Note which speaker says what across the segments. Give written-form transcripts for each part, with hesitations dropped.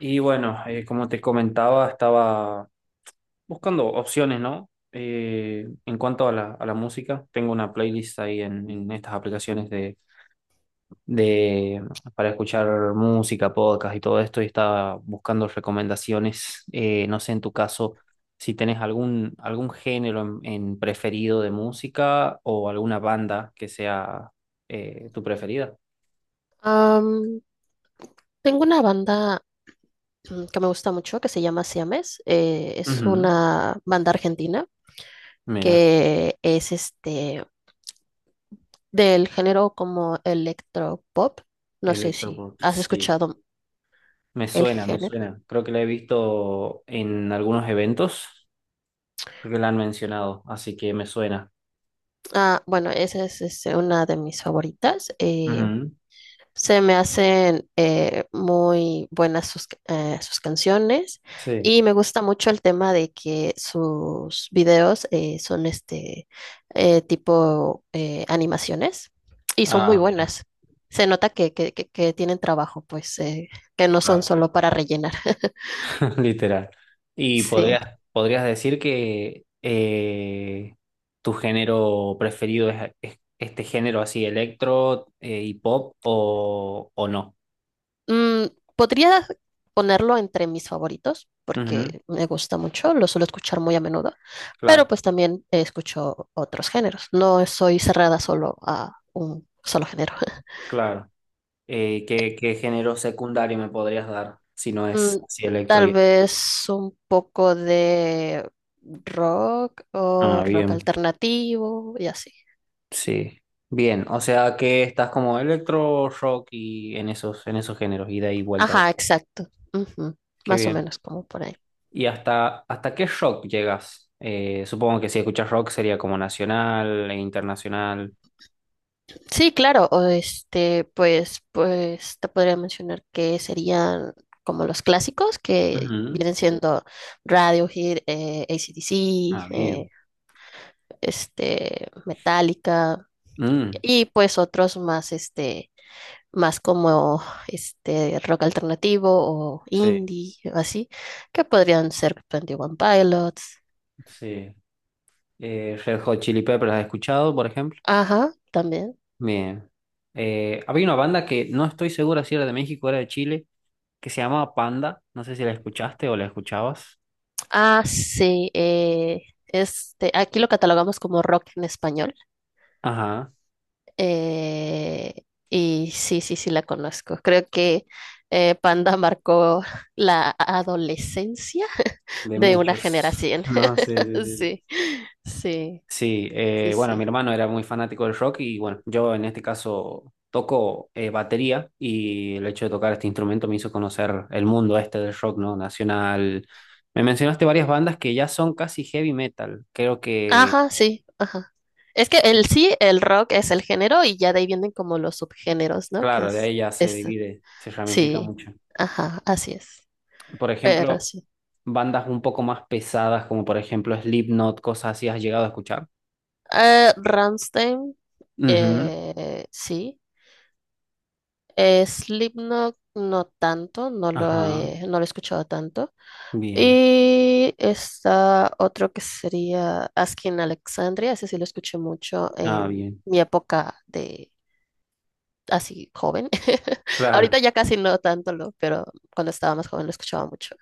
Speaker 1: Y bueno, como te comentaba, estaba buscando opciones, ¿no? En cuanto a a la música, tengo una playlist ahí en estas aplicaciones de para escuchar música, podcast y todo esto, y estaba buscando recomendaciones. No sé, en tu caso, si tenés algún género en preferido de música o alguna banda que sea tu preferida.
Speaker 2: Am, Tengo una banda que me gusta mucho que se llama Siames. Eh, es
Speaker 1: Ujú.
Speaker 2: una banda argentina
Speaker 1: Mira,
Speaker 2: que es del género como electropop. No sé si
Speaker 1: electropop,
Speaker 2: has
Speaker 1: sí.
Speaker 2: escuchado
Speaker 1: Me
Speaker 2: el
Speaker 1: suena, me
Speaker 2: género.
Speaker 1: suena. Creo que la he visto en algunos eventos. Creo que la han mencionado, así que me suena.
Speaker 2: Ah, bueno, esa es, una de mis favoritas.
Speaker 1: Ujú.
Speaker 2: Se me hacen muy buenas sus canciones,
Speaker 1: Sí.
Speaker 2: y me gusta mucho el tema de que sus videos son tipo animaciones y son muy
Speaker 1: Ah, mira,
Speaker 2: buenas. Se nota que, que tienen trabajo, pues que no son
Speaker 1: claro.
Speaker 2: solo para rellenar.
Speaker 1: Literal. Y
Speaker 2: Sí.
Speaker 1: podrías, podrías decir que tu género preferido es este género así, electro y pop o no.
Speaker 2: Mm, Podría ponerlo entre mis favoritos
Speaker 1: Ujú.
Speaker 2: porque me gusta mucho, lo suelo escuchar muy a menudo, pero
Speaker 1: Claro,
Speaker 2: pues también escucho otros géneros. No soy cerrada solo a un solo género.
Speaker 1: claro. ¿Qué, qué género secundario me podrías dar si no es
Speaker 2: Mm,
Speaker 1: así electro
Speaker 2: Tal
Speaker 1: y...
Speaker 2: vez un poco de rock o
Speaker 1: Ah,
Speaker 2: rock
Speaker 1: bien.
Speaker 2: alternativo y así.
Speaker 1: Sí, bien, o sea que estás como electro rock y en esos géneros, ida y vuelta.
Speaker 2: Ajá, exacto. Ujú,
Speaker 1: Qué
Speaker 2: más o
Speaker 1: bien.
Speaker 2: menos como por ahí.
Speaker 1: ¿Y hasta, hasta qué rock llegas? Supongo que si escuchas rock sería como nacional e internacional.
Speaker 2: Sí, claro, o pues te podría mencionar que serían como los clásicos que
Speaker 1: Ujú.
Speaker 2: vienen siendo Radiohead, AC/DC,
Speaker 1: Ah, bien.
Speaker 2: eh, Metallica
Speaker 1: Mm,
Speaker 2: y pues otros más, más como rock alternativo o
Speaker 1: sí,
Speaker 2: indie o así, que podrían ser Twenty One Pilots.
Speaker 1: sí. Red Hot Chili Peppers, ¿has escuchado, por ejemplo?
Speaker 2: Ajá, también.
Speaker 1: Bien. Había una banda que no estoy segura si era de México o era de Chile, que se llamaba Panda. No sé si la escuchaste o la escuchabas.
Speaker 2: Ah, sí, aquí lo catalogamos como rock en español.
Speaker 1: Ajá,
Speaker 2: Eh, y sí, sí la conozco. Creo que Panda marcó la adolescencia
Speaker 1: de
Speaker 2: de una
Speaker 1: muchos.
Speaker 2: generación.
Speaker 1: No, sí, sí, sí. Sí,
Speaker 2: Sí, sí,
Speaker 1: sí,
Speaker 2: sí,
Speaker 1: bueno, mi
Speaker 2: sí.
Speaker 1: hermano era muy fanático del rock y bueno, yo en este caso toco batería y el hecho de tocar este instrumento me hizo conocer el mundo este del rock, ¿no? Nacional. Me mencionaste varias bandas que ya son casi heavy metal. Creo que,
Speaker 2: Ajá, sí, ajá. Es que el rock es el género y ya de ahí vienen como los subgéneros, ¿no?
Speaker 1: claro, de ahí ya se
Speaker 2: Es,
Speaker 1: divide, se ramifica
Speaker 2: sí,
Speaker 1: mucho.
Speaker 2: ajá, así es.
Speaker 1: Por
Speaker 2: Pero
Speaker 1: ejemplo,
Speaker 2: sí.
Speaker 1: bandas un poco más pesadas como por ejemplo Slipknot, cosas así, ¿has llegado a escuchar?
Speaker 2: Rammstein,
Speaker 1: Ujú.
Speaker 2: sí. Slipknot no tanto,
Speaker 1: Ajá,
Speaker 2: no lo he escuchado tanto.
Speaker 1: bien.
Speaker 2: Y está otro que sería Asking Alexandria, ese sí lo escuché mucho
Speaker 1: Ah,
Speaker 2: en
Speaker 1: bien.
Speaker 2: mi época de así joven.
Speaker 1: Claro.
Speaker 2: Ahorita ya casi no tanto pero cuando estaba más joven lo escuchaba mucho.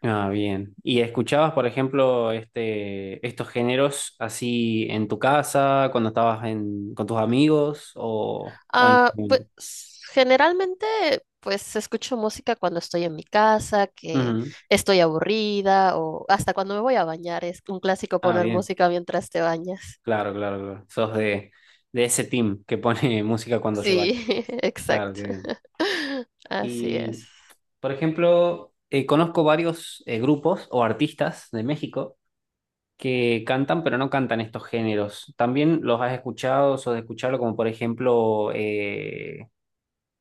Speaker 1: Ah, bien. ¿Y escuchabas, por ejemplo, este, estos géneros así en tu casa, cuando estabas en, con tus amigos o en...
Speaker 2: Ah, pues generalmente pues escucho música cuando estoy en mi casa, que
Speaker 1: Ujú.
Speaker 2: estoy aburrida o hasta cuando me voy a bañar, es un clásico
Speaker 1: Ah,
Speaker 2: poner
Speaker 1: bien.
Speaker 2: música mientras te bañas.
Speaker 1: Claro, claro, claro. Sos de ese team que pone música cuando se
Speaker 2: Sí,
Speaker 1: baña. Claro,
Speaker 2: exacto.
Speaker 1: qué bien.
Speaker 2: Así
Speaker 1: Y,
Speaker 2: es.
Speaker 1: por ejemplo, conozco varios grupos o artistas de México que cantan, pero no cantan estos géneros. También los has escuchado o de escucharlo, como por ejemplo...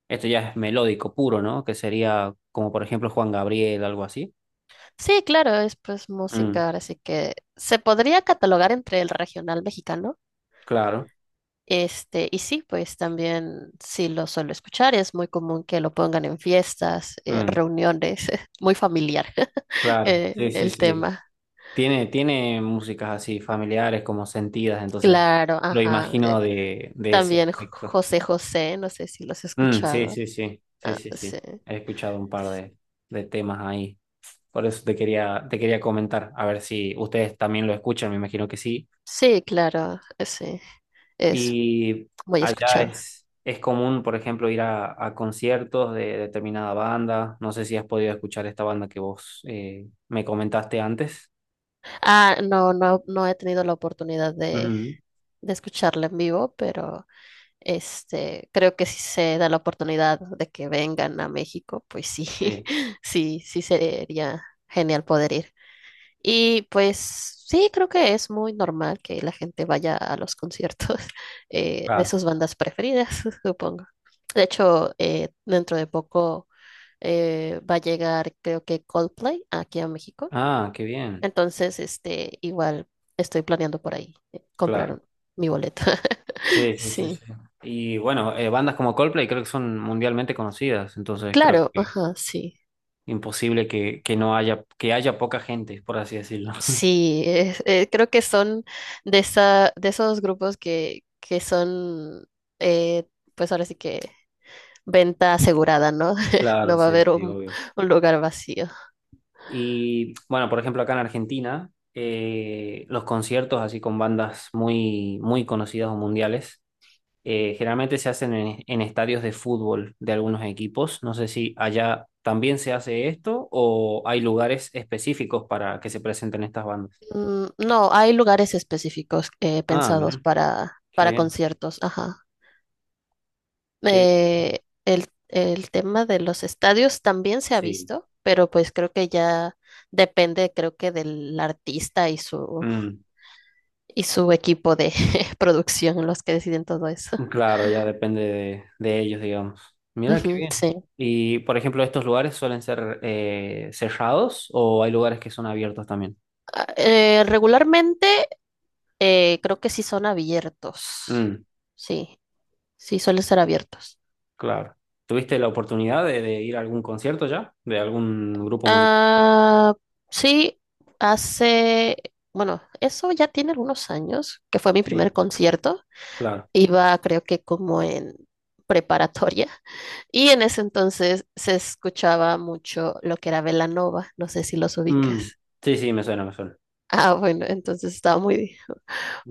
Speaker 1: Esto ya es melódico puro, ¿no? Que sería como por ejemplo Juan Gabriel, algo así.
Speaker 2: Sí, claro, es pues
Speaker 1: Mm,
Speaker 2: música, ahora sí que se podría catalogar entre el regional mexicano.
Speaker 1: claro,
Speaker 2: Y sí, pues también sí lo suelo escuchar, es muy común que lo pongan en fiestas,
Speaker 1: mm,
Speaker 2: reuniones, muy familiar
Speaker 1: claro, sí, sí,
Speaker 2: el
Speaker 1: sí.
Speaker 2: tema.
Speaker 1: Tiene, tiene músicas así familiares, como sentidas, entonces
Speaker 2: Claro,
Speaker 1: lo
Speaker 2: ajá.
Speaker 1: imagino de ese
Speaker 2: También
Speaker 1: aspecto.
Speaker 2: José José, no sé si los he
Speaker 1: Mm, sí,
Speaker 2: escuchado.
Speaker 1: sí, sí, sí,
Speaker 2: Ah,
Speaker 1: sí,
Speaker 2: sí.
Speaker 1: sí. He escuchado un par de temas ahí. Por eso te quería comentar, a ver si ustedes también lo escuchan, me imagino que sí.
Speaker 2: Sí, claro, sí, es
Speaker 1: Y
Speaker 2: muy
Speaker 1: allá
Speaker 2: escuchado.
Speaker 1: es común, por ejemplo, ir a conciertos de determinada banda. No sé si has podido escuchar esta banda que vos me comentaste antes.
Speaker 2: Ah, no, no he tenido la oportunidad
Speaker 1: Ujú.
Speaker 2: de escucharla en vivo, pero creo que si se da la oportunidad de que vengan a México, pues sí,
Speaker 1: Sí,
Speaker 2: sí, sí sería genial poder ir. Y pues sí, creo que es muy normal que la gente vaya a los conciertos de
Speaker 1: claro.
Speaker 2: sus bandas preferidas, supongo. De hecho, dentro de poco va a llegar, creo que Coldplay aquí a México.
Speaker 1: Ah, qué bien.
Speaker 2: Entonces, igual estoy planeando por ahí comprar
Speaker 1: Claro.
Speaker 2: mi boleto.
Speaker 1: Sí, sí, sí,
Speaker 2: Sí,
Speaker 1: sí. Y bueno, bandas como Coldplay creo que son mundialmente conocidas, entonces creo
Speaker 2: claro,
Speaker 1: que
Speaker 2: ajá, sí.
Speaker 1: imposible que no haya, que haya poca gente, por así decirlo.
Speaker 2: Sí, creo que son de esos grupos que son, eh, pues ahora sí que venta asegurada, ¿no?
Speaker 1: Claro,
Speaker 2: No va a
Speaker 1: sí,
Speaker 2: haber
Speaker 1: sí, obvio.
Speaker 2: un lugar vacío.
Speaker 1: Y bueno, por ejemplo, acá en Argentina, los conciertos así con bandas muy, muy conocidas o mundiales, generalmente se hacen en estadios de fútbol de algunos equipos. No sé si allá también se hace esto o hay lugares específicos para que se presenten estas bandas.
Speaker 2: No, hay lugares específicos
Speaker 1: Ah,
Speaker 2: pensados
Speaker 1: mira, qué
Speaker 2: para
Speaker 1: bien,
Speaker 2: conciertos, ajá.
Speaker 1: qué bien.
Speaker 2: Eh, el tema de los estadios también se ha
Speaker 1: Sí.
Speaker 2: visto, pero pues creo que ya depende, creo que del artista y
Speaker 1: Mm,
Speaker 2: y su equipo de producción los que deciden todo eso.
Speaker 1: claro, ya depende de ellos, digamos. Mira, qué
Speaker 2: Ujú,
Speaker 1: bien.
Speaker 2: sí.
Speaker 1: Y, por ejemplo, ¿estos lugares suelen ser cerrados o hay lugares que son abiertos también?
Speaker 2: Ah, regularmente creo que sí son abiertos.
Speaker 1: Mm,
Speaker 2: Sí, sí suelen ser abiertos.
Speaker 1: claro. ¿Tuviste la oportunidad de ir a algún concierto ya? ¿De algún grupo musical?
Speaker 2: Ah, sí, hace, bueno, eso ya tiene algunos años, que fue mi
Speaker 1: Sí,
Speaker 2: primer concierto.
Speaker 1: claro.
Speaker 2: Iba creo que como en preparatoria, y en ese entonces se escuchaba mucho lo que era Belanova, no sé si los
Speaker 1: Mm,
Speaker 2: ubicas.
Speaker 1: sí, sí, me suena, me suena.
Speaker 2: Ah, bueno, entonces estaba muy,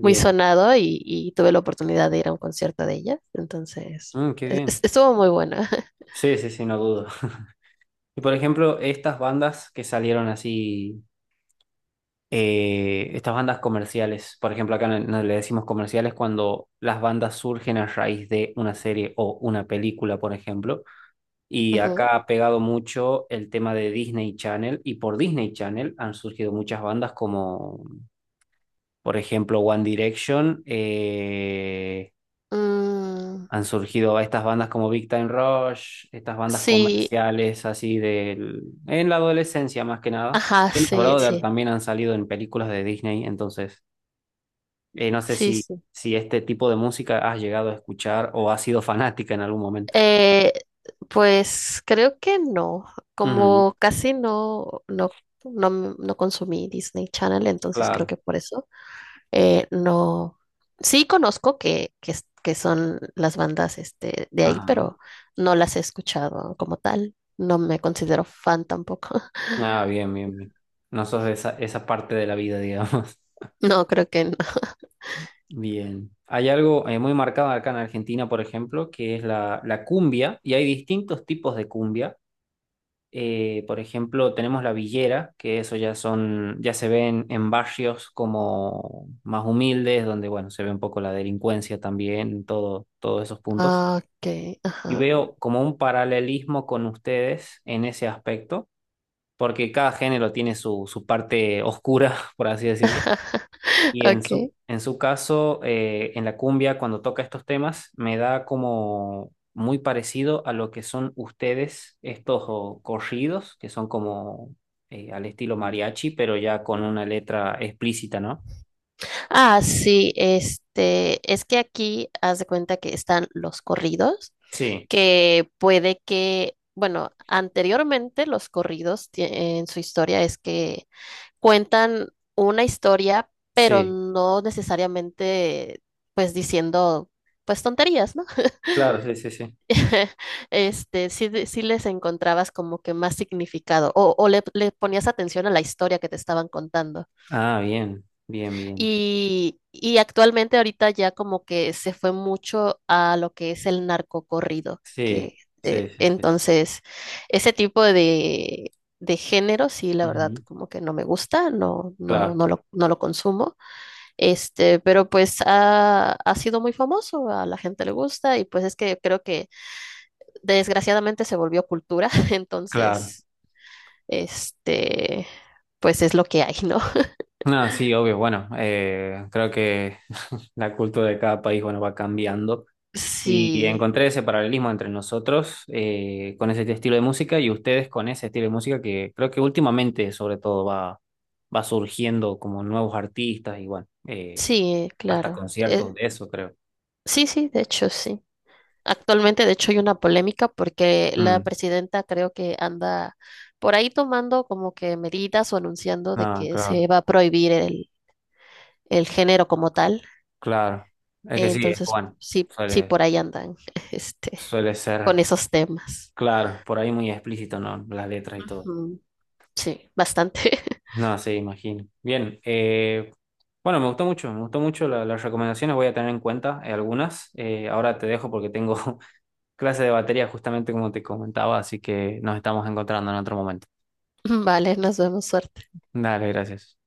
Speaker 2: muy sonado, y tuve la oportunidad de ir a un concierto de ella. Entonces
Speaker 1: Mm, qué bien.
Speaker 2: estuvo muy buena.
Speaker 1: Sí, sí, sí, no dudo. Y por ejemplo, estas bandas que salieron así, estas bandas comerciales, por ejemplo, acá no le decimos comerciales cuando las bandas surgen a raíz de una serie o una película, por ejemplo. Y
Speaker 2: Ujú.
Speaker 1: acá ha pegado mucho el tema de Disney Channel y por Disney Channel han surgido muchas bandas como por ejemplo, One Direction,
Speaker 2: Mm,
Speaker 1: han surgido estas bandas como Big Time Rush, estas bandas
Speaker 2: sí,
Speaker 1: comerciales así del, en la adolescencia más que nada.
Speaker 2: ajá,
Speaker 1: Jonas
Speaker 2: sí,
Speaker 1: Brothers
Speaker 2: sí,
Speaker 1: también han salido en películas de Disney, entonces no sé si,
Speaker 2: sí.
Speaker 1: si este tipo de música has llegado a escuchar o has sido fanática en algún momento.
Speaker 2: Eh, pues creo que no.
Speaker 1: Ujú,
Speaker 2: Como casi no, no, no, no consumí Disney Channel, entonces creo
Speaker 1: claro.
Speaker 2: que por eso no. Sí conozco que son las bandas de ahí,
Speaker 1: Ajá.
Speaker 2: pero no las he escuchado como tal. No me considero fan tampoco.
Speaker 1: Ah, bien, bien, bien. No sos de esa, esa parte de la vida, digamos.
Speaker 2: No, creo que no.
Speaker 1: Bien. Hay algo muy marcado acá en Argentina, por ejemplo, que es la, la cumbia, y hay distintos tipos de cumbia. Por ejemplo, tenemos la villera, que eso ya son, ya se ven en barrios como más humildes, donde bueno, se ve un poco la delincuencia también, todo, todos esos puntos.
Speaker 2: Ah, ok,
Speaker 1: Y
Speaker 2: ajá.
Speaker 1: veo como un paralelismo con ustedes en ese aspecto, porque cada género tiene su, su parte oscura, por así decirlo. Y
Speaker 2: Okay.
Speaker 1: en su caso, en la cumbia, cuando toca estos temas, me da como muy parecido a lo que son ustedes, estos oh, corridos, que son como al estilo mariachi, pero ya con una letra explícita, ¿no?
Speaker 2: Ah, sí, es que aquí haz de cuenta que están los corridos
Speaker 1: Sí,
Speaker 2: que puede que, bueno, anteriormente los corridos en su historia es que cuentan una historia, pero
Speaker 1: sí,
Speaker 2: no necesariamente pues diciendo pues tonterías, ¿no?
Speaker 1: claro, sí, sí, sí.
Speaker 2: Sí, sí les encontrabas como que más significado, o le ponías atención a la historia que te estaban contando.
Speaker 1: Ah, bien, bien, bien.
Speaker 2: Y actualmente ahorita ya como que se fue mucho a lo que es el narcocorrido.
Speaker 1: Sí,
Speaker 2: que
Speaker 1: sí,
Speaker 2: eh,
Speaker 1: sí, sí.
Speaker 2: entonces ese tipo de género, sí, la verdad
Speaker 1: Ujú.
Speaker 2: como que no me gusta,
Speaker 1: Claro,
Speaker 2: no lo consumo. Pero pues ha sido muy famoso, a la gente le gusta y pues es que creo que desgraciadamente se volvió cultura,
Speaker 1: claro.
Speaker 2: entonces, este, pues es lo que hay, ¿no?
Speaker 1: No, sí, obvio. Bueno, creo que la cultura de cada país, bueno, va cambiando, y
Speaker 2: Sí,
Speaker 1: encontré ese paralelismo entre nosotros con ese estilo de música y ustedes con ese estilo de música que creo que últimamente sobre todo va, va surgiendo como nuevos artistas y bueno,
Speaker 2: sí,
Speaker 1: hasta
Speaker 2: claro.
Speaker 1: conciertos de eso creo.
Speaker 2: Sí, sí, de hecho, sí. Actualmente, de hecho, hay una polémica porque la
Speaker 1: Mm,
Speaker 2: presidenta creo que anda por ahí tomando como que medidas o anunciando de
Speaker 1: ah,
Speaker 2: que se
Speaker 1: claro,
Speaker 2: va a prohibir el género como tal.
Speaker 1: claro. Es que sí, es
Speaker 2: Entonces,
Speaker 1: bueno,
Speaker 2: sí, sí,
Speaker 1: suele,
Speaker 2: por ahí andan, este,
Speaker 1: suele ser,
Speaker 2: con esos temas.
Speaker 1: claro, por ahí muy explícito, ¿no? Las letras y todo.
Speaker 2: Ujú, sí, bastante.
Speaker 1: No, sí, imagino. Bien, bueno, me gustó mucho las recomendaciones, voy a tener en cuenta algunas. Ahora te dejo porque tengo clase de batería, justamente como te comentaba, así que nos estamos encontrando en otro momento.
Speaker 2: Vale, nos vemos, suerte.
Speaker 1: Dale, gracias.